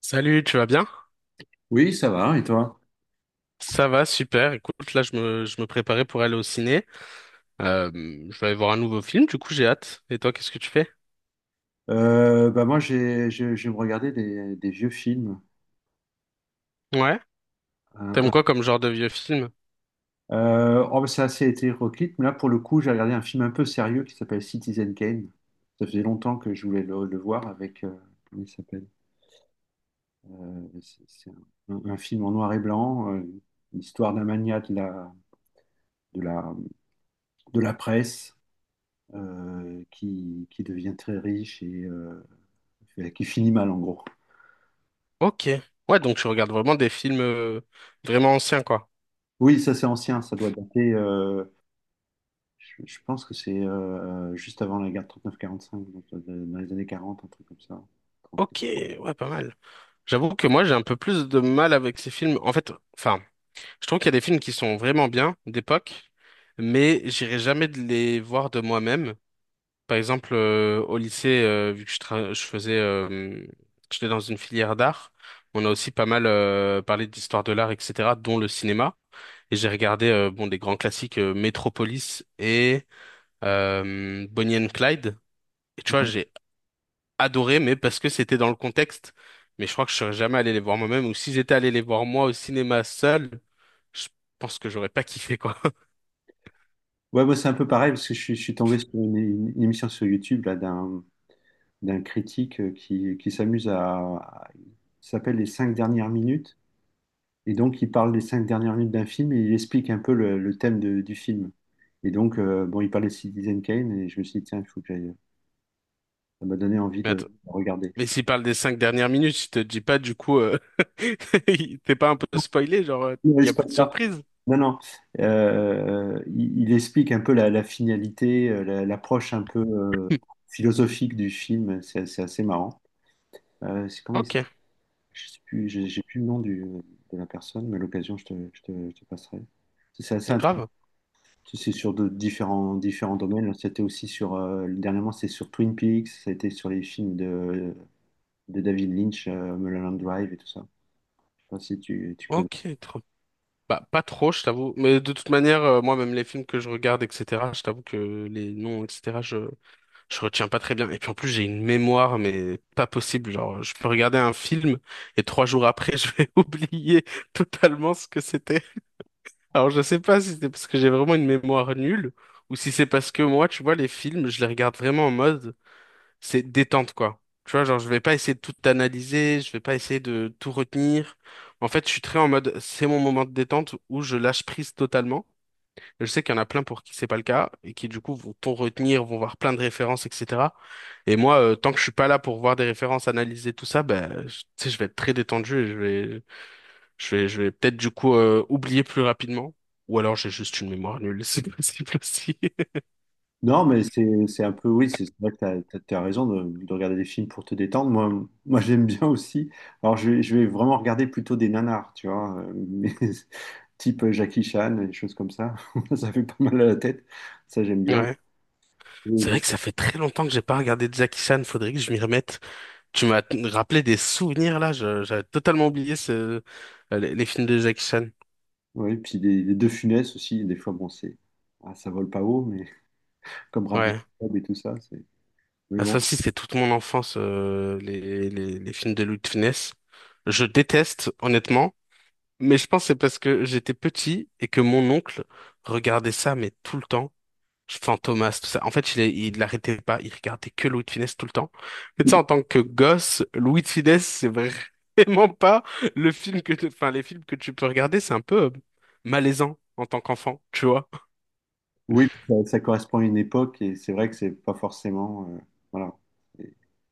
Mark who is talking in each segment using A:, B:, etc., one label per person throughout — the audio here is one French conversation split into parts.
A: Salut, tu vas bien?
B: Oui, ça va, et toi?
A: Ça va, super. Écoute, là, je me préparais pour aller au ciné. Euh, je vais aller voir un nouveau film, du coup, j'ai hâte. Et toi, qu'est-ce que tu fais?
B: Bah moi, je me regardais des vieux films.
A: Ouais.
B: Un-
A: T'aimes
B: un-
A: quoi comme genre de vieux film?
B: C'est assez hétéroclite, mais là, pour le coup, j'ai regardé un film un peu sérieux qui s'appelle Citizen Kane. Ça faisait longtemps que je voulais le voir avec... comment il s'appelle? C'est un film en noir et blanc, l'histoire d'un magnat de la, de la presse qui devient très riche et qui finit mal, en gros.
A: Ok. Ouais, donc je regarde vraiment des films vraiment anciens, quoi.
B: Oui, ça c'est ancien, ça doit dater. Je pense que c'est juste avant la guerre de 39-45, donc dans les années 40, un truc comme ça. Trente.
A: Ok, ouais, pas mal. J'avoue que moi, j'ai un peu plus de mal avec ces films. En fait, enfin, je trouve qu'il y a des films qui sont vraiment bien, d'époque, mais j'irai jamais de les voir de moi-même. Par exemple, au lycée, vu que je faisais, j'étais dans une filière d'art, on a aussi pas mal parlé d'histoire de l'art, etc., dont le cinéma. Et j'ai regardé bon des grands classiques Metropolis et Bonnie and Clyde. Et tu vois,
B: Ouais.
A: j'ai adoré, mais parce que c'était dans le contexte. Mais je crois que je serais jamais allé les voir moi-même. Ou si j'étais allé les voir moi au cinéma seul, je pense que j'aurais pas kiffé quoi.
B: Ouais, moi c'est un peu pareil parce que je suis tombé sur une émission sur YouTube là d'un critique qui s'amuse à... il s'appelle les cinq dernières minutes, et donc il parle des cinq dernières minutes d'un film et il explique un peu le thème du film. Et donc il parlait de Citizen Kane et je me suis dit tiens, il faut que j'aille. Ça m'a donné envie de regarder.
A: Mais s'il parle des 5 dernières minutes, je te dis pas du coup, t'es pas un peu spoilé, genre,
B: Ne
A: il y a plus de
B: spoil pas.
A: surprise.
B: Non, non. Il explique un peu la finalité, l'approche un peu philosophique du film. C'est assez marrant. C'est comment il
A: Ok,
B: s'appelle? Je sais plus, j'ai plus le nom du, de la personne, mais à l'occasion, je te passerai. C'est assez intéressant.
A: grave.
B: C'est sur de différents domaines. C'était aussi sur, dernièrement, c'est sur Twin Peaks. C'était sur les films de David Lynch, Mulholland Drive et tout ça. Je sais pas si tu connais.
A: Ok, trop. Bah, pas trop, je t'avoue. Mais de toute manière, moi, même les films que je regarde, etc., je t'avoue que les noms, etc., je retiens pas très bien. Et puis en plus, j'ai une mémoire, mais pas possible. Genre, je peux regarder un film et 3 jours après, je vais oublier totalement ce que c'était. Alors, je sais pas si c'est parce que j'ai vraiment une mémoire nulle ou si c'est parce que moi, tu vois, les films, je les regarde vraiment en mode c'est détente, quoi. Tu vois, genre, je vais pas essayer de tout analyser, je vais pas essayer de tout retenir. En fait, je suis très en mode c'est mon moment de détente où je lâche prise totalement. Je sais qu'il y en a plein pour qui c'est pas le cas et qui, du coup, vont tout retenir, vont voir plein de références, etc. Et moi, tant que je suis pas là pour voir des références, analyser tout ça, ben, tu sais, je vais être très détendu et je vais peut-être du coup oublier plus rapidement. Ou alors j'ai juste une mémoire nulle, c'est possible aussi.
B: Non, mais c'est un peu, oui, c'est vrai que t'as raison de regarder des films pour te détendre. Moi, moi j'aime bien aussi. Alors, je vais vraiment regarder plutôt des nanars, tu vois, type Jackie Chan, des choses comme ça. Ça fait pas mal à la tête. Ça, j'aime bien.
A: Ouais.
B: Oui,
A: C'est vrai
B: bon.
A: que ça fait très longtemps que j'ai pas regardé Jackie Chan, faudrait que je m'y remette. Tu m'as rappelé des souvenirs là, j'avais totalement oublié les films de Jackie Chan.
B: Ouais, puis des De Funès aussi, des fois, bon, c'est, ah, ça vole pas haut, mais comme Rabbi
A: Ouais.
B: Jacob et tout ça, c'est, mais
A: Ah,
B: bon.
A: ça aussi, c'est toute mon enfance, les films de Louis de Funès. Je déteste, honnêtement, mais je pense que c'est parce que j'étais petit et que mon oncle regardait ça, mais tout le temps. Fantomas, tout ça. En fait, il l'arrêtait pas, il regardait que Louis de Funès tout le temps. Mais tu sais, en tant que gosse, Louis de Funès, c'est vraiment pas le film que enfin, les films que tu peux regarder, c'est un peu malaisant en tant qu'enfant, tu vois.
B: Oui, puis ça correspond à une époque et c'est vrai que c'est pas forcément, voilà.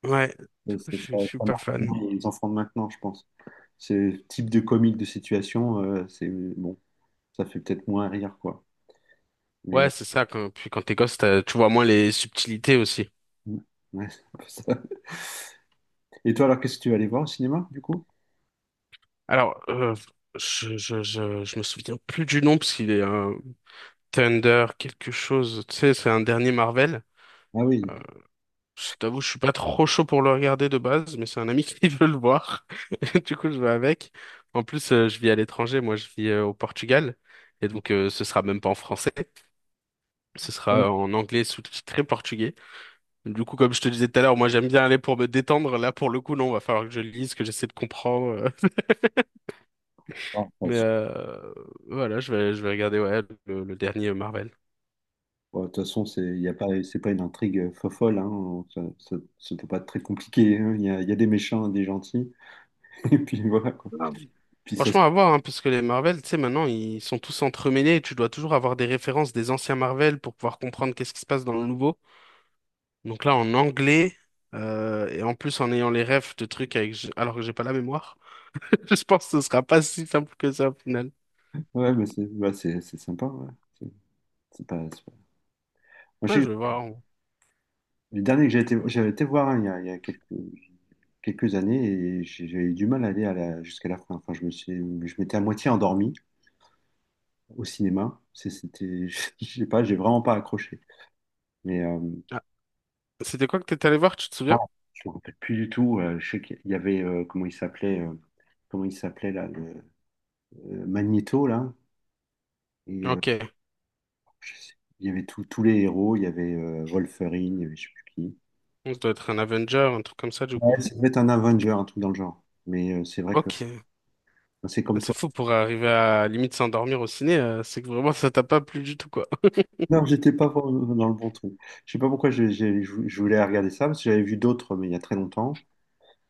A: Ouais, du
B: Et
A: coup,
B: c'est
A: je
B: ça,
A: suis
B: ça
A: pas
B: marque
A: fan.
B: bien les enfants de maintenant, je pense. Ce type de comique de situation, c'est bon, ça fait peut-être moins rire, quoi.
A: Ouais,
B: Mais
A: c'est ça. Puis quand t'es gosse, tu vois moins les subtilités aussi.
B: ouais, c'est un peu ça. Et toi, alors, qu'est-ce que tu vas aller voir au cinéma, du coup?
A: Alors, je me souviens plus du nom parce qu'il est un Thunder quelque chose. Tu sais, c'est un dernier Marvel.
B: Ah oui.
A: Euh, je t'avoue, je suis pas trop chaud pour le regarder de base, mais c'est un ami qui veut le voir. Du coup, je vais avec. En plus, je vis à l'étranger. Moi, je vis au Portugal. Et donc, ce sera même pas en français. Ce
B: Ah oui.
A: sera en anglais sous-titré portugais. Du coup, comme je te disais tout à l'heure, moi j'aime bien aller pour me détendre. Là, pour le coup, non, va falloir que je lise, que j'essaie de comprendre.
B: Ah, de toute
A: Mais
B: façon,
A: voilà, je vais regarder ouais, le dernier Marvel.
B: bon, de toute façon, c'est il y a pas, c'est pas une intrigue fofolle, hein. Ça peut pas être très compliqué, hein. Il y a des méchants et des gentils, et puis voilà, quoi.
A: Ah,
B: Puis ça, se-
A: franchement, à voir, hein, parce que les Marvel, tu sais, maintenant, ils sont tous entremêlés et tu dois toujours avoir des références des anciens Marvel pour pouvoir comprendre qu'est-ce qui se passe dans le nouveau. Donc là, en anglais, et en plus en ayant les refs de trucs avec... alors que j'ai pas la mémoire, je pense que ce sera pas si simple que ça au final.
B: ouais, mais c'est bah, c'est sympa, ouais. C'est c'est pas- Moi,
A: Ouais,
B: je sais
A: je vais
B: que
A: voir.
B: le dernier que j'ai été, j'avais été voir hein, il y a, il y a quelques années et j'ai eu du mal à aller jusqu'à la fin. Enfin, je m'étais à moitié endormi au cinéma. C'était, je sais pas, j'ai vraiment pas accroché. Mais
A: Ah, c'était quoi que t'étais allé voir, tu te
B: ah,
A: souviens?
B: je me rappelle plus du tout. Je sais qu'il y avait comment il s'appelait là, le, Magneto là. Et
A: Ok.
B: je sais- il y avait tous les héros. Il y avait Wolverine, il y avait je sais plus qui.
A: On doit être un Avenger, un truc comme ça, du coup.
B: Ouais, ça devait être un Avenger, un truc dans le genre. Mais c'est vrai que
A: Ok.
B: enfin, c'est comme toi.
A: C'est fou pour arriver à limite s'endormir au ciné, c'est que vraiment ça t'a pas plu du tout, quoi.
B: Non, j'étais pas dans le bon truc. Je sais pas pourquoi je voulais regarder ça, parce que j'avais vu d'autres, mais il y a très longtemps,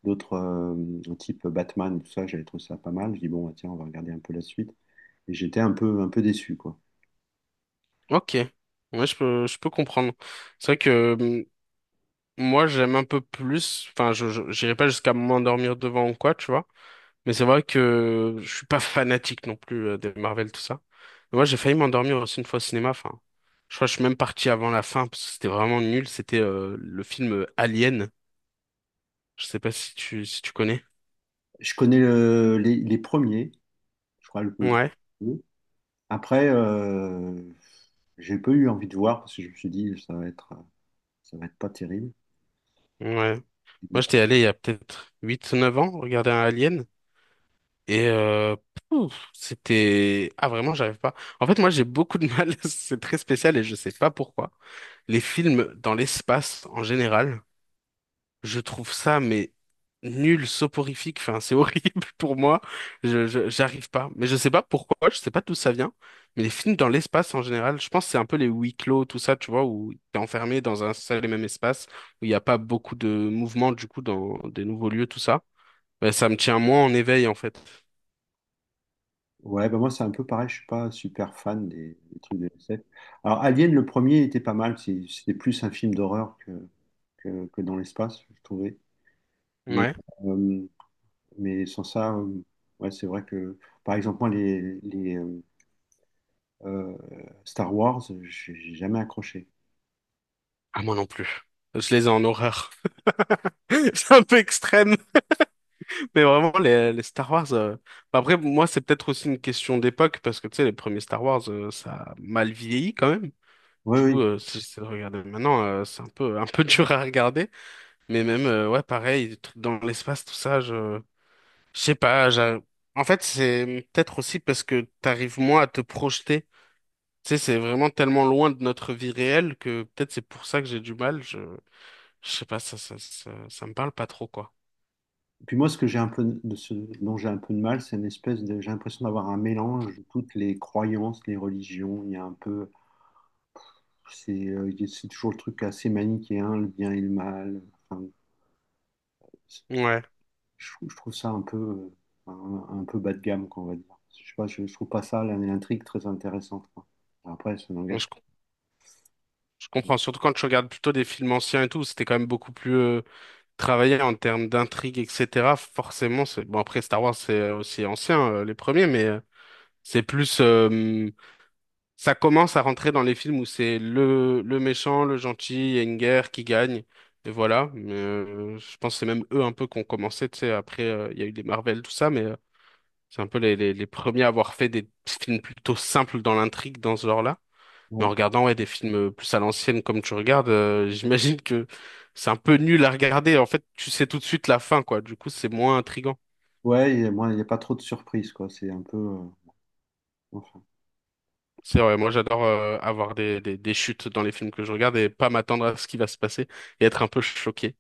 B: d'autres type Batman, tout ça, j'avais trouvé ça pas mal. Je dis bon, bah, tiens, on va regarder un peu la suite. Et j'étais un peu déçu, quoi.
A: Ok. Ouais, je peux comprendre. C'est vrai que moi, j'aime un peu plus, enfin, j'irai pas jusqu'à m'endormir devant ou quoi, tu vois. Mais c'est vrai que je suis pas fanatique non plus des Marvel, tout ça. Mais moi, j'ai failli m'endormir aussi une fois au cinéma, enfin. Je crois que je suis même parti avant la fin, parce que c'était vraiment nul. C'était le film Alien. Je sais pas si si tu connais.
B: Je connais les premiers, je crois le
A: Ouais.
B: premier. Après, j'ai pas eu envie de voir parce que je me suis dit ça va être pas terrible.
A: Ouais. Moi, j'étais allé il y a peut-être 8, 9 ans regarder un Alien et pouf, c'était... Ah, vraiment, j'arrive pas. En fait, moi, j'ai beaucoup de mal. C'est très spécial et je sais pas pourquoi. Les films dans l'espace en général, je trouve ça, mais nul, soporifique. Enfin, c'est horrible pour moi. J'arrive pas. Mais je sais pas pourquoi, je sais pas d'où ça vient. Mais les films dans l'espace en général, je pense que c'est un peu les huis clos, tout ça, tu vois, où t'es enfermé dans un seul et même espace, où il n'y a pas beaucoup de mouvement, du coup, dans des nouveaux lieux, tout ça. Ben, ça me tient moins en éveil, en fait.
B: Ouais, bah moi c'est un peu pareil, je suis pas super fan des trucs de SF. Alors Alien, le premier était pas mal, c'était plus un film d'horreur que dans l'espace, je trouvais. Mais,
A: Ouais.
B: euh, mais sans ça, ouais, c'est vrai que, par exemple, moi, les euh, Star Wars, j'ai jamais accroché.
A: Ah, moi non plus. Je les ai en horreur. C'est un peu extrême. Mais vraiment, les Star Wars. Bah, après, moi, c'est peut-être aussi une question d'époque, parce que tu sais, les premiers Star Wars, ça a mal vieilli quand même.
B: Oui,
A: Du coup,
B: oui.
A: si j'essaie de regarder maintenant, c'est un peu dur à regarder. Mais même, ouais, pareil, des trucs dans l'espace, tout ça, je sais pas. En fait, c'est peut-être aussi parce que t'arrives moins à te projeter. Tu sais, c'est vraiment tellement loin de notre vie réelle que peut-être c'est pour ça que j'ai du mal. Je sais pas, ça me parle pas trop, quoi.
B: Et puis moi, ce dont j'ai un peu de mal, c'est une espèce de, j'ai l'impression d'avoir un mélange de toutes les croyances, les religions. Il y a un peu. C'est toujours le truc assez manichéen, le bien et le mal. Enfin, je,
A: Ouais,
B: je trouve ça un peu, un peu bas de gamme, quoi, on va dire. Je sais pas, je trouve pas ça l'intrigue très intéressante, quoi. Après, ça n'engage
A: je
B: pas.
A: Je comprends, surtout quand je regarde plutôt des films anciens et tout, c'était quand même beaucoup plus travaillé en termes d'intrigue, etc. Forcément, c'est bon après Star Wars c'est aussi ancien les premiers, mais c'est plus ça commence à rentrer dans les films où c'est le méchant, le gentil, il y a une guerre qui gagne et voilà. Mais je pense que c'est même eux un peu qui ont commencé, tu sais. Après il y a eu les Marvel tout ça, mais c'est un peu les premiers à avoir fait des films plutôt simples dans l'intrigue dans ce genre-là. Mais
B: Ouais,
A: en regardant ouais, des films plus à l'ancienne comme tu regardes, j'imagine que c'est un peu nul à regarder. En fait, tu sais tout de suite la fin, quoi. Du coup, c'est moins intriguant.
B: ouais, il y a, moi, il n'y a pas trop de surprises, quoi. C'est un peu. Enfin.
A: C'est vrai, moi j'adore avoir des chutes dans les films que je regarde et pas m'attendre à ce qui va se passer et être un peu choqué.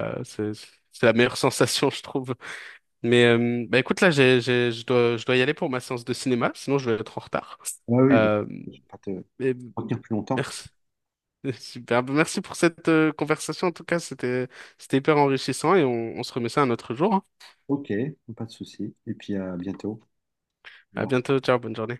A: Euh, c'est, c'est la meilleure sensation, je trouve. Mais bah, écoute, là, je dois y aller pour ma séance de cinéma, sinon je vais être en retard.
B: Ah oui, bah,
A: Euh,
B: je vais pas te
A: mais
B: retenir plus longtemps.
A: merci. Super, merci pour cette conversation. En tout cas, c'était hyper enrichissant et on se remet ça un autre jour, hein.
B: Ok, pas de souci. Et puis à bientôt. Au
A: À
B: revoir.
A: bientôt. Ciao. Bonne journée.